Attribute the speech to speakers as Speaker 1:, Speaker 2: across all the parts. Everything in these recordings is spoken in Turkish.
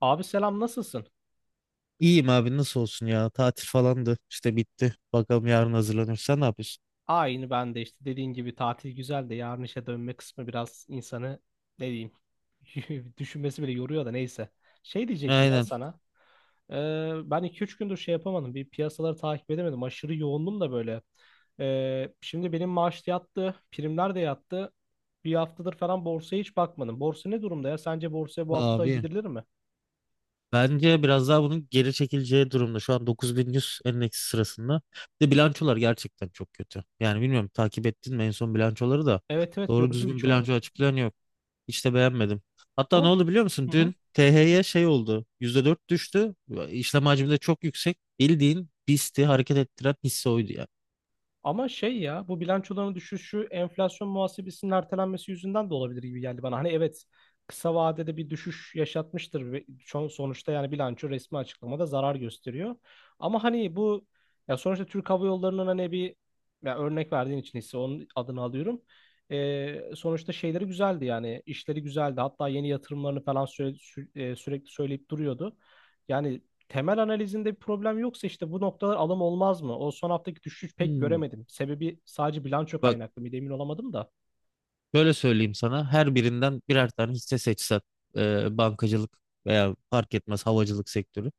Speaker 1: Abi selam, nasılsın?
Speaker 2: İyiyim abi, nasıl olsun ya, tatil falandı işte, bitti bakalım yarın hazırlanır. Sen ne yapıyorsun?
Speaker 1: Aynı, ben de işte dediğin gibi tatil güzel de yarın işe dönme kısmı biraz insanı, ne diyeyim, düşünmesi bile yoruyor da neyse. Şey diyecektim ya
Speaker 2: Aynen
Speaker 1: sana. Ben 2-3 gündür şey yapamadım. Bir piyasaları takip edemedim. Aşırı yoğundum da böyle. Şimdi benim maaş da yattı. Primler de yattı. Bir haftadır falan borsaya hiç bakmadım. Borsa ne durumda ya? Sence borsaya bu hafta
Speaker 2: abi,
Speaker 1: gidilir mi?
Speaker 2: bence biraz daha bunun geri çekileceği durumda. Şu an 9100 endeksi sırasında, bir de bilançolar gerçekten çok kötü. Yani bilmiyorum, takip ettin mi en son bilançoları da?
Speaker 1: Evet evet,
Speaker 2: Doğru
Speaker 1: gördüm
Speaker 2: düzgün
Speaker 1: birçoğunu.
Speaker 2: bilanço açıklayan yok, hiç de beğenmedim. Hatta ne
Speaker 1: Ama
Speaker 2: oldu biliyor musun,
Speaker 1: hı hı.
Speaker 2: dün THY şey oldu, %4 düştü. İşlem hacmi de çok yüksek, bildiğin BIST'i hareket ettiren hisse oydu ya.
Speaker 1: Ama şey ya, bu bilançoların düşüşü enflasyon muhasebesinin ertelenmesi yüzünden de olabilir gibi geldi bana. Hani evet, kısa vadede bir düşüş yaşatmıştır ve sonuçta yani bilanço resmi açıklamada zarar gösteriyor. Ama hani bu, ya sonuçta Türk Hava Yolları'nın hani bir, ya örnek verdiğin için hisse onun adını alıyorum. Sonuçta şeyleri güzeldi, yani işleri güzeldi. Hatta yeni yatırımlarını falan sürekli söyleyip duruyordu. Yani temel analizinde bir problem yoksa işte bu noktalar alım olmaz mı? O son haftaki düşüş pek
Speaker 2: Hmm.
Speaker 1: göremedim. Sebebi sadece bilanço
Speaker 2: Bak,
Speaker 1: kaynaklı mıydı emin olamadım da.
Speaker 2: şöyle söyleyeyim sana, her birinden birer tane hisse seçsen, bankacılık veya fark etmez havacılık sektörü.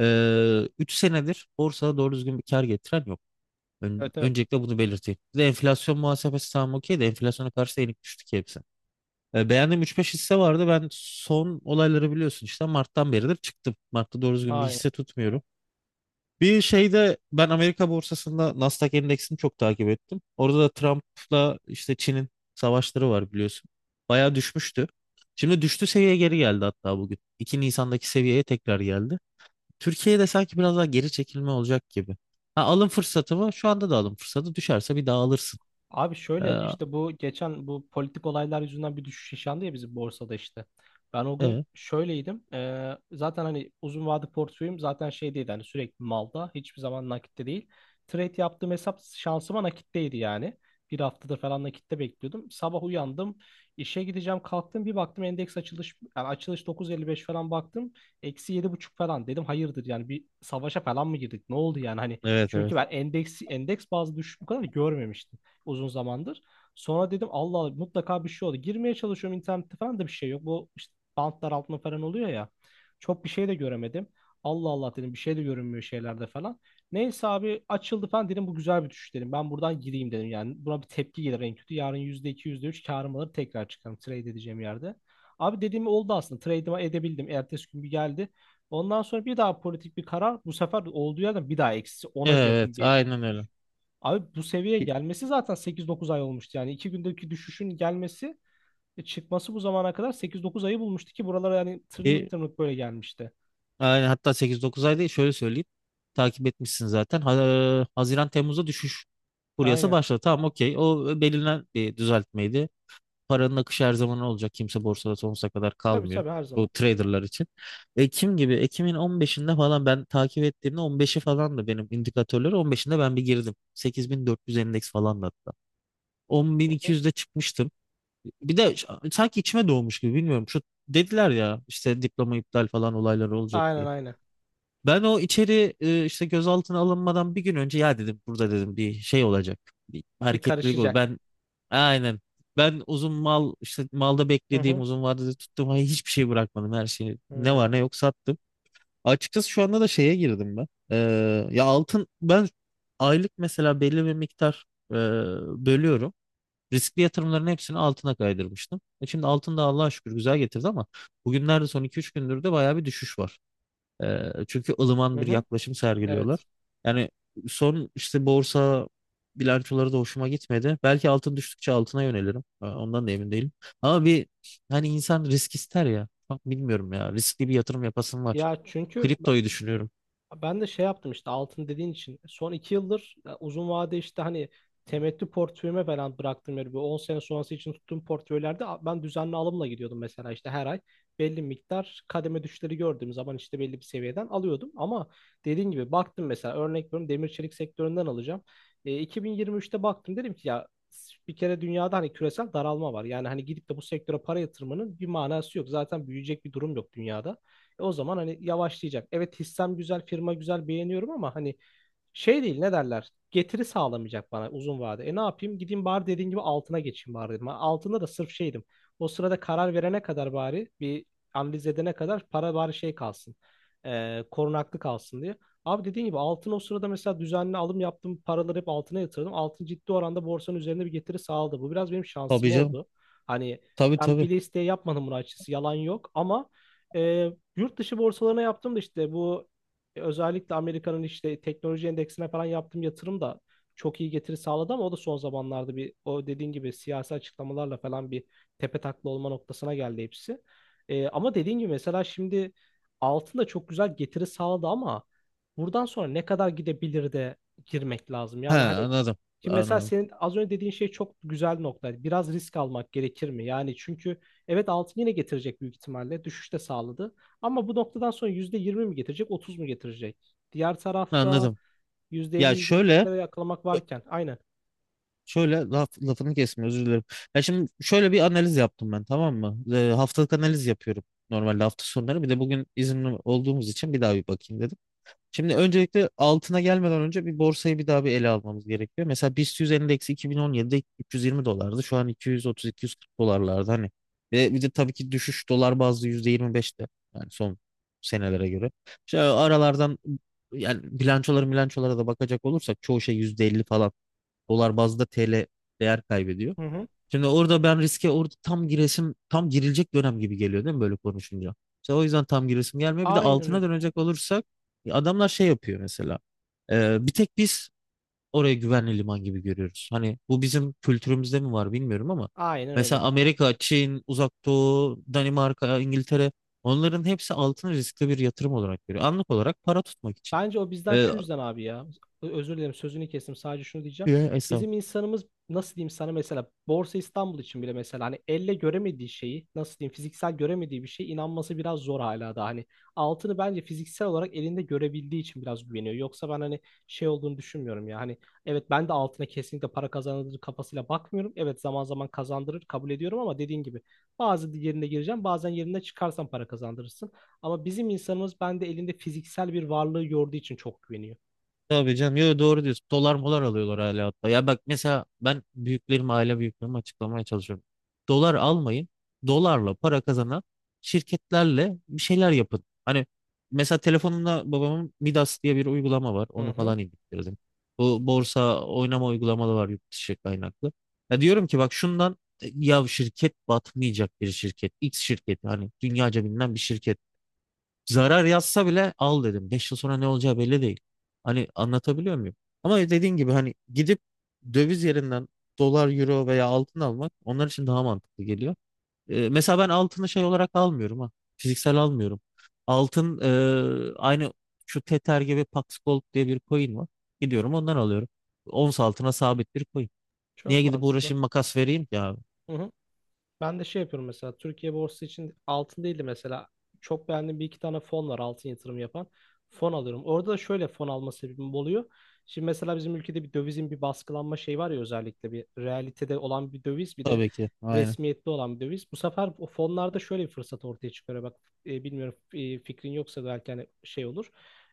Speaker 2: Üç senedir borsada doğru düzgün bir kar getiren yok. Ön-
Speaker 1: Evet evet.
Speaker 2: öncelikle bunu belirteyim. Bir de enflasyon muhasebesi, tamam okey, de enflasyona karşı enik düştü ki hepsi. Beğendiğim üç beş hisse vardı. Ben son olayları biliyorsun, işte Mart'tan beridir çıktım. Mart'ta doğru düzgün bir
Speaker 1: Aynen.
Speaker 2: hisse tutmuyorum. Bir şeyde ben Amerika borsasında Nasdaq endeksini çok takip ettim. Orada da Trump'la işte Çin'in savaşları var, biliyorsun. Bayağı düşmüştü. Şimdi düştü seviyeye geri geldi hatta bugün. 2 Nisan'daki seviyeye tekrar geldi. Türkiye'de sanki biraz daha geri çekilme olacak gibi. Ha, alım fırsatı mı? Şu anda da alım fırsatı. Düşerse bir daha alırsın.
Speaker 1: Abi
Speaker 2: Ee,
Speaker 1: şöyle, işte bu geçen bu politik olaylar yüzünden bir düşüş yaşandı ya bizim borsada işte. Ben o gün
Speaker 2: evet.
Speaker 1: şöyleydim. Zaten hani uzun vade portföyüm zaten şey değil, hani sürekli malda, hiçbir zaman nakitte değil. Trade yaptığım hesap şansıma nakitteydi yani. Bir haftadır falan nakitte bekliyordum. Sabah uyandım, işe gideceğim kalktım, bir baktım endeks açılış, yani açılış 9.55 falan baktım. Eksi yedi buçuk falan, dedim hayırdır yani, bir savaşa falan mı girdik, ne oldu yani, hani
Speaker 2: Evet,
Speaker 1: çünkü
Speaker 2: evet.
Speaker 1: ben endeks bazı düşüş bu kadar görmemiştim uzun zamandır. Sonra dedim, Allah Allah, mutlaka bir şey oldu. Girmeye çalışıyorum internette falan da bir şey yok. Bu işte bantlar altında falan oluyor ya. Çok bir şey de göremedim. Allah Allah dedim, bir şey de görünmüyor şeylerde falan. Neyse abi, açıldı falan dedim, bu güzel bir düşüş dedim. Ben buradan gireyim dedim yani. Buna bir tepki gelir en kötü. Yarın yüzde iki yüzde üç karım alır, tekrar çıkarım, trade edeceğim yerde. Abi dediğim oldu aslında. Trade'imi edebildim. Ertesi gün bir geldi. Ondan sonra bir daha politik bir karar. Bu sefer olduğu yerden bir daha eksi ona yakın
Speaker 2: Evet,
Speaker 1: bir.
Speaker 2: aynen öyle.
Speaker 1: Abi bu seviyeye gelmesi zaten sekiz dokuz ay olmuştu. Yani iki gündeki düşüşün gelmesi, çıkması bu zamana kadar sekiz dokuz ayı bulmuştu ki buralara, yani tırnık
Speaker 2: E,
Speaker 1: tırnık böyle gelmişti.
Speaker 2: Yani hatta sekiz dokuz ay değil, şöyle söyleyeyim. Takip etmişsin zaten. Haziran Temmuz'da düşüş furyası
Speaker 1: Aynen.
Speaker 2: başladı. Tamam, okey. O belirlenen bir düzeltmeydi. Paranın akışı her zaman olacak. Kimse borsada sonsuza kadar
Speaker 1: Tabii
Speaker 2: kalmıyor.
Speaker 1: tabii, her zaman.
Speaker 2: Bu traderlar için. Ekim gibi, Ekim'in 15'inde falan ben takip ettiğimde, 15'i falan da benim indikatörleri 15'inde ben bir girdim. 8400 endeks falan da hatta.
Speaker 1: Hı hı.
Speaker 2: 10.200'de çıkmıştım. Bir de sanki içime doğmuş gibi, bilmiyorum. Şu dediler ya işte diploma iptal falan olayları olacak
Speaker 1: Aynen
Speaker 2: diye.
Speaker 1: aynen.
Speaker 2: Ben o içeri işte gözaltına alınmadan bir gün önce ya dedim burada, dedim bir şey olacak. Bir
Speaker 1: Bir
Speaker 2: hareketlilik olur.
Speaker 1: karışacak.
Speaker 2: Ben aynen. Ben uzun mal işte malda
Speaker 1: Hı
Speaker 2: beklediğim
Speaker 1: hı.
Speaker 2: uzun vadede tuttum. Hayır, hiçbir şey bırakmadım, her şeyi.
Speaker 1: Hı
Speaker 2: Ne var ne
Speaker 1: hı.
Speaker 2: yok sattım. Açıkçası şu anda da şeye girdim ben. Ya altın, ben aylık mesela belli bir miktar e, bölüyorum. Riskli yatırımların hepsini altına kaydırmıştım. Şimdi altın da Allah'a şükür güzel getirdi ama bugünlerde, son iki üç gündür de bayağı bir düşüş var. Çünkü
Speaker 1: Hı
Speaker 2: ılıman bir
Speaker 1: hı.
Speaker 2: yaklaşım sergiliyorlar.
Speaker 1: Evet.
Speaker 2: Yani son işte borsa bilançoları da hoşuma gitmedi. Belki altın düştükçe altına yönelirim. Ondan da emin değilim. Ama bir, hani insan risk ister ya. Bak, bilmiyorum ya. Riskli bir yatırım yapasım var.
Speaker 1: Ya çünkü
Speaker 2: Kriptoyu düşünüyorum.
Speaker 1: ben de şey yaptım, işte altın dediğin için son iki yıldır, uzun vade işte hani temettü portföyüme falan bıraktım yani, bir 10 sene sonrası için tuttuğum portföylerde ben düzenli alımla gidiyordum mesela, işte her ay belli miktar kademe düşleri gördüğüm zaman işte belli bir seviyeden alıyordum, ama dediğin gibi baktım mesela, örnek veriyorum demir çelik sektöründen alacağım. E, 2023'te baktım, dedim ki ya bir kere dünyada hani küresel daralma var. Yani hani gidip de bu sektöre para yatırmanın bir manası yok. Zaten büyüyecek bir durum yok dünyada. E o zaman hani yavaşlayacak. Evet hissem güzel, firma güzel, beğeniyorum ama hani şey değil, ne derler? Getiri sağlamayacak bana uzun vade. E ne yapayım? Gideyim bari, dediğin gibi altına geçeyim bari dedim. Altında da sırf şeydim. O sırada karar verene kadar bari bir analiz edene kadar para bari şey kalsın. Korunaklı kalsın diye. Abi dediğin gibi altın, o sırada mesela düzenli alım yaptım. Paraları hep altına yatırdım. Altın ciddi oranda borsanın üzerinde bir getiri sağladı. Bu biraz benim şansım
Speaker 2: Tabii canım.
Speaker 1: oldu. Hani
Speaker 2: Tabii,
Speaker 1: ben
Speaker 2: tabii.
Speaker 1: bile isteye yapmadım bunu açıkçası. Yalan yok ama e, yurt dışı borsalarına yaptım da işte bu, özellikle Amerika'nın işte teknoloji endeksine falan yaptığım yatırım da çok iyi getiri sağladı ama o da son zamanlarda bir, o dediğin gibi siyasi açıklamalarla falan bir tepe takla olma noktasına geldi hepsi. Ama dediğin gibi mesela şimdi altın da çok güzel getiri sağladı ama buradan sonra ne kadar gidebilir de girmek lazım.
Speaker 2: He,
Speaker 1: Yani hani
Speaker 2: anladım.
Speaker 1: şimdi mesela
Speaker 2: Anladım.
Speaker 1: senin az önce dediğin şey çok güzel bir nokta. Biraz risk almak gerekir mi? Yani çünkü evet, altın yine getirecek büyük ihtimalle. Düşüş de sağladı. Ama bu noktadan sonra %20 mi getirecek, 30 mu getirecek? Diğer tarafta
Speaker 2: Anladım.
Speaker 1: yüzde elli,
Speaker 2: Ya
Speaker 1: yüzde
Speaker 2: şöyle
Speaker 1: yetmişlere yakalamak varken. Aynen.
Speaker 2: Şöyle lafını kesme, özür dilerim. Ya şimdi şöyle bir analiz yaptım ben, tamam mı? Haftalık analiz yapıyorum normalde hafta sonları. Bir de bugün izinli olduğumuz için bir daha bir bakayım dedim. Şimdi öncelikle altına gelmeden önce bir borsayı bir daha bir ele almamız gerekiyor. Mesela BIST 100 endeksi 2017'de 320 dolardı. Şu an 230-240 dolarlarda hani. Ve bir de tabii ki düşüş dolar bazlı %25'te. Yani son senelere göre. İşte aralardan, yani bilançolara da bakacak olursak çoğu şey %50 falan, dolar bazlı da TL değer kaybediyor.
Speaker 1: Hı hı.
Speaker 2: Şimdi orada ben riske, orada tam giresim, tam girilecek dönem gibi geliyor değil mi böyle konuşunca? İşte o yüzden tam giresim gelmiyor. Bir de
Speaker 1: Aynen
Speaker 2: altına
Speaker 1: öyle.
Speaker 2: dönecek olursak, ya adamlar şey yapıyor mesela. Bir tek biz orayı güvenli liman gibi görüyoruz. Hani bu bizim kültürümüzde mi var, bilmiyorum ama
Speaker 1: Aynen öyle.
Speaker 2: mesela Amerika, Çin, Uzak Doğu, Danimarka, İngiltere, onların hepsi altını riskli bir yatırım olarak görüyor. Anlık olarak para tutmak için.
Speaker 1: Bence o bizden
Speaker 2: Ee,
Speaker 1: şu yüzden abi ya. Özür dilerim, sözünü kestim. Sadece şunu diyeceğim.
Speaker 2: e,
Speaker 1: Bizim
Speaker 2: estağfurullah.
Speaker 1: insanımız, nasıl diyeyim sana, mesela Borsa İstanbul için bile mesela hani elle göremediği şeyi, nasıl diyeyim, fiziksel göremediği bir şeye inanması biraz zor hala da, hani altını bence fiziksel olarak elinde görebildiği için biraz güveniyor. Yoksa ben hani şey olduğunu düşünmüyorum ya hani, evet ben de altına kesinlikle para kazandırır kafasıyla bakmıyorum. Evet zaman zaman kazandırır, kabul ediyorum, ama dediğin gibi bazı yerine gireceğim bazen yerinde çıkarsan para kazandırırsın. Ama bizim insanımız, bende elinde fiziksel bir varlığı gördüğü için çok güveniyor.
Speaker 2: Tabii canım. Yo, doğru diyorsun. Dolar molar alıyorlar hala hatta. Ya bak mesela ben aile büyüklerime açıklamaya çalışıyorum. Dolar almayın. Dolarla para kazanan şirketlerle bir şeyler yapın. Hani mesela telefonumda babamın Midas diye bir uygulama var.
Speaker 1: Hı
Speaker 2: Onu
Speaker 1: hı.
Speaker 2: falan indirdim. Bu borsa oynama uygulamaları var, yurt dışı kaynaklı. Ya diyorum ki, bak şundan ya şirket batmayacak bir şirket. X şirketi, hani dünyaca bilinen bir şirket. Zarar yazsa bile al dedim. 5 yıl sonra ne olacağı belli değil. Hani anlatabiliyor muyum? Ama dediğin gibi hani gidip döviz yerinden dolar, euro veya altın almak onlar için daha mantıklı geliyor. Mesela ben altını şey olarak almıyorum ha. Fiziksel almıyorum. Altın aynı şu Tether gibi Pax Gold diye bir coin var. Gidiyorum ondan alıyorum. Ons altına sabit bir coin. Niye
Speaker 1: Çok
Speaker 2: gidip
Speaker 1: mantıklı.
Speaker 2: uğraşayım, makas vereyim ya?
Speaker 1: Hı hı. Ben de şey yapıyorum mesela Türkiye borsası için altın değil de mesela çok beğendiğim bir iki tane fon var altın yatırım yapan. Fon alıyorum. Orada da şöyle fon alma sebebim oluyor. Şimdi mesela bizim ülkede bir dövizin bir baskılanma şeyi var ya, özellikle bir realitede olan bir döviz, bir de
Speaker 2: Tabii ki. Aynen.
Speaker 1: resmiyetli olan bir döviz. Bu sefer o fonlarda şöyle bir fırsat ortaya çıkıyor. Bak, bilmiyorum, fikrin yoksa belki hani şey olur.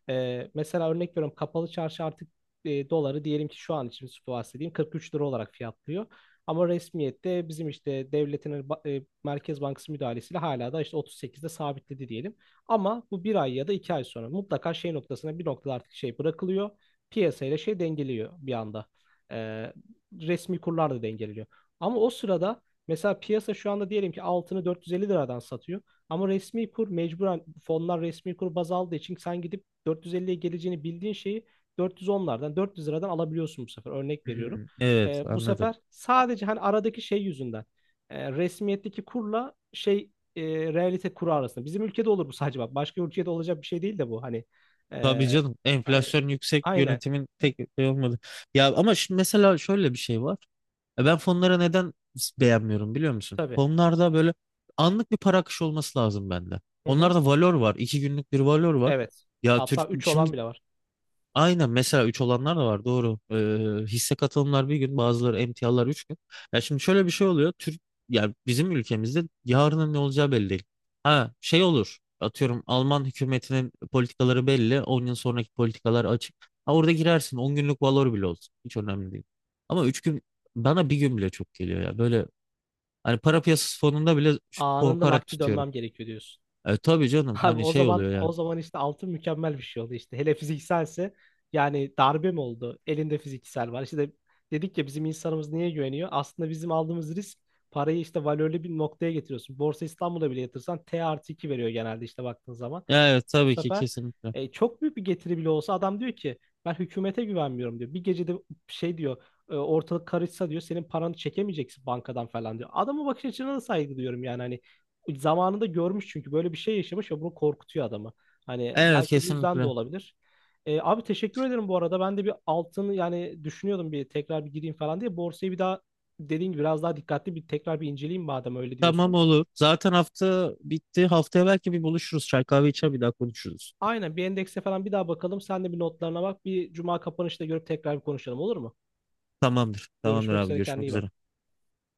Speaker 1: Mesela örnek veriyorum, kapalı çarşı artık, doları diyelim ki şu an için bahsedeyim 43 lira olarak fiyatlıyor. Ama resmiyette bizim işte devletin hani Merkez Bankası müdahalesiyle hala da işte 38'de sabitledi diyelim. Ama bu bir ay ya da iki ay sonra mutlaka şey noktasına, bir noktada artık şey bırakılıyor. Piyasayla şey dengeliyor bir anda. Ee, Resmi kurlar da dengeleniyor. Ama o sırada mesela piyasa şu anda diyelim ki altını 450 liradan satıyor. Ama resmi kur, mecburen fonlar resmi kur baz aldığı için sen gidip 450'ye geleceğini bildiğin şeyi 410'lardan 400 liradan alabiliyorsun bu sefer. Örnek veriyorum.
Speaker 2: Hmm, evet
Speaker 1: Bu
Speaker 2: anladım.
Speaker 1: sefer sadece hani aradaki şey yüzünden, resmiyetteki kurla şey, e, realite kuru arasında. Bizim ülkede olur bu sadece, bak. Başka ülkede olacak bir şey değil de bu. Hani, e,
Speaker 2: Tabii canım,
Speaker 1: hani
Speaker 2: enflasyon yüksek
Speaker 1: aynen,
Speaker 2: yönetimin tek şey olmadı. Ya ama şimdi mesela şöyle bir şey var. Ben fonlara neden beğenmiyorum biliyor musun?
Speaker 1: tabii.
Speaker 2: Fonlarda böyle anlık bir para akışı olması lazım bende.
Speaker 1: Hı hı.
Speaker 2: Onlarda valor var. 2 günlük bir valor var.
Speaker 1: Evet.
Speaker 2: Ya Türk,
Speaker 1: Hatta 3
Speaker 2: şimdi
Speaker 1: olan bile var.
Speaker 2: Aynen mesela 3 olanlar da var, doğru. Hisse katılımlar bir gün, bazıları emtialar 3 gün. Ya şimdi şöyle bir şey oluyor. Yani bizim ülkemizde yarının ne olacağı belli değil. Ha şey olur. Atıyorum Alman hükümetinin politikaları belli. 10 yıl sonraki politikalar açık. Ha orada girersin. 10 günlük valor bile olsun. Hiç önemli değil. Ama 3 gün, bana bir gün bile çok geliyor ya. Böyle hani para piyasası fonunda bile
Speaker 1: Anında
Speaker 2: korkarak
Speaker 1: nakdi
Speaker 2: tutuyorum.
Speaker 1: dönmem gerekiyor, diyorsun.
Speaker 2: Tabii canım,
Speaker 1: Abi
Speaker 2: hani
Speaker 1: o
Speaker 2: şey
Speaker 1: zaman,
Speaker 2: oluyor yani.
Speaker 1: işte altın mükemmel bir şey oldu işte. Hele fizikselse, yani darbe mi oldu? Elinde fiziksel var. İşte dedik ya, bizim insanımız niye güveniyor? Aslında bizim aldığımız risk, parayı işte valörlü bir noktaya getiriyorsun. Borsa İstanbul'a bile yatırsan T artı 2 veriyor genelde işte baktığın zaman,
Speaker 2: Evet,
Speaker 1: bu
Speaker 2: tabii ki
Speaker 1: sefer
Speaker 2: kesinlikle.
Speaker 1: çok büyük bir getiri bile olsa adam diyor ki, ben hükümete güvenmiyorum diyor. Bir gecede şey diyor, ortalık karışsa diyor senin paranı çekemeyeceksin bankadan falan diyor. Adamın bakış açısına da saygı duyuyorum, yani hani zamanında görmüş çünkü, böyle bir şey yaşamış ve bunu korkutuyor adamı. Hani
Speaker 2: Evet,
Speaker 1: belki bu yüzden de
Speaker 2: kesinlikle.
Speaker 1: olabilir. Abi teşekkür ederim bu arada. Ben de bir altını yani düşünüyordum, bir tekrar bir gireyim falan diye. Borsayı bir daha, dediğin gibi biraz daha dikkatli bir tekrar bir inceleyeyim madem öyle
Speaker 2: Tamam,
Speaker 1: diyorsun.
Speaker 2: olur. Zaten hafta bitti. Haftaya belki bir buluşuruz. Çay kahve içer, bir daha konuşuruz.
Speaker 1: Aynen, bir endekse falan bir daha bakalım. Sen de bir notlarına bak. Bir cuma kapanışta görüp tekrar bir konuşalım olur mu?
Speaker 2: Tamamdır. Tamamdır
Speaker 1: Görüşmek
Speaker 2: abi.
Speaker 1: üzere, kendine
Speaker 2: Görüşmek
Speaker 1: iyi bak.
Speaker 2: üzere.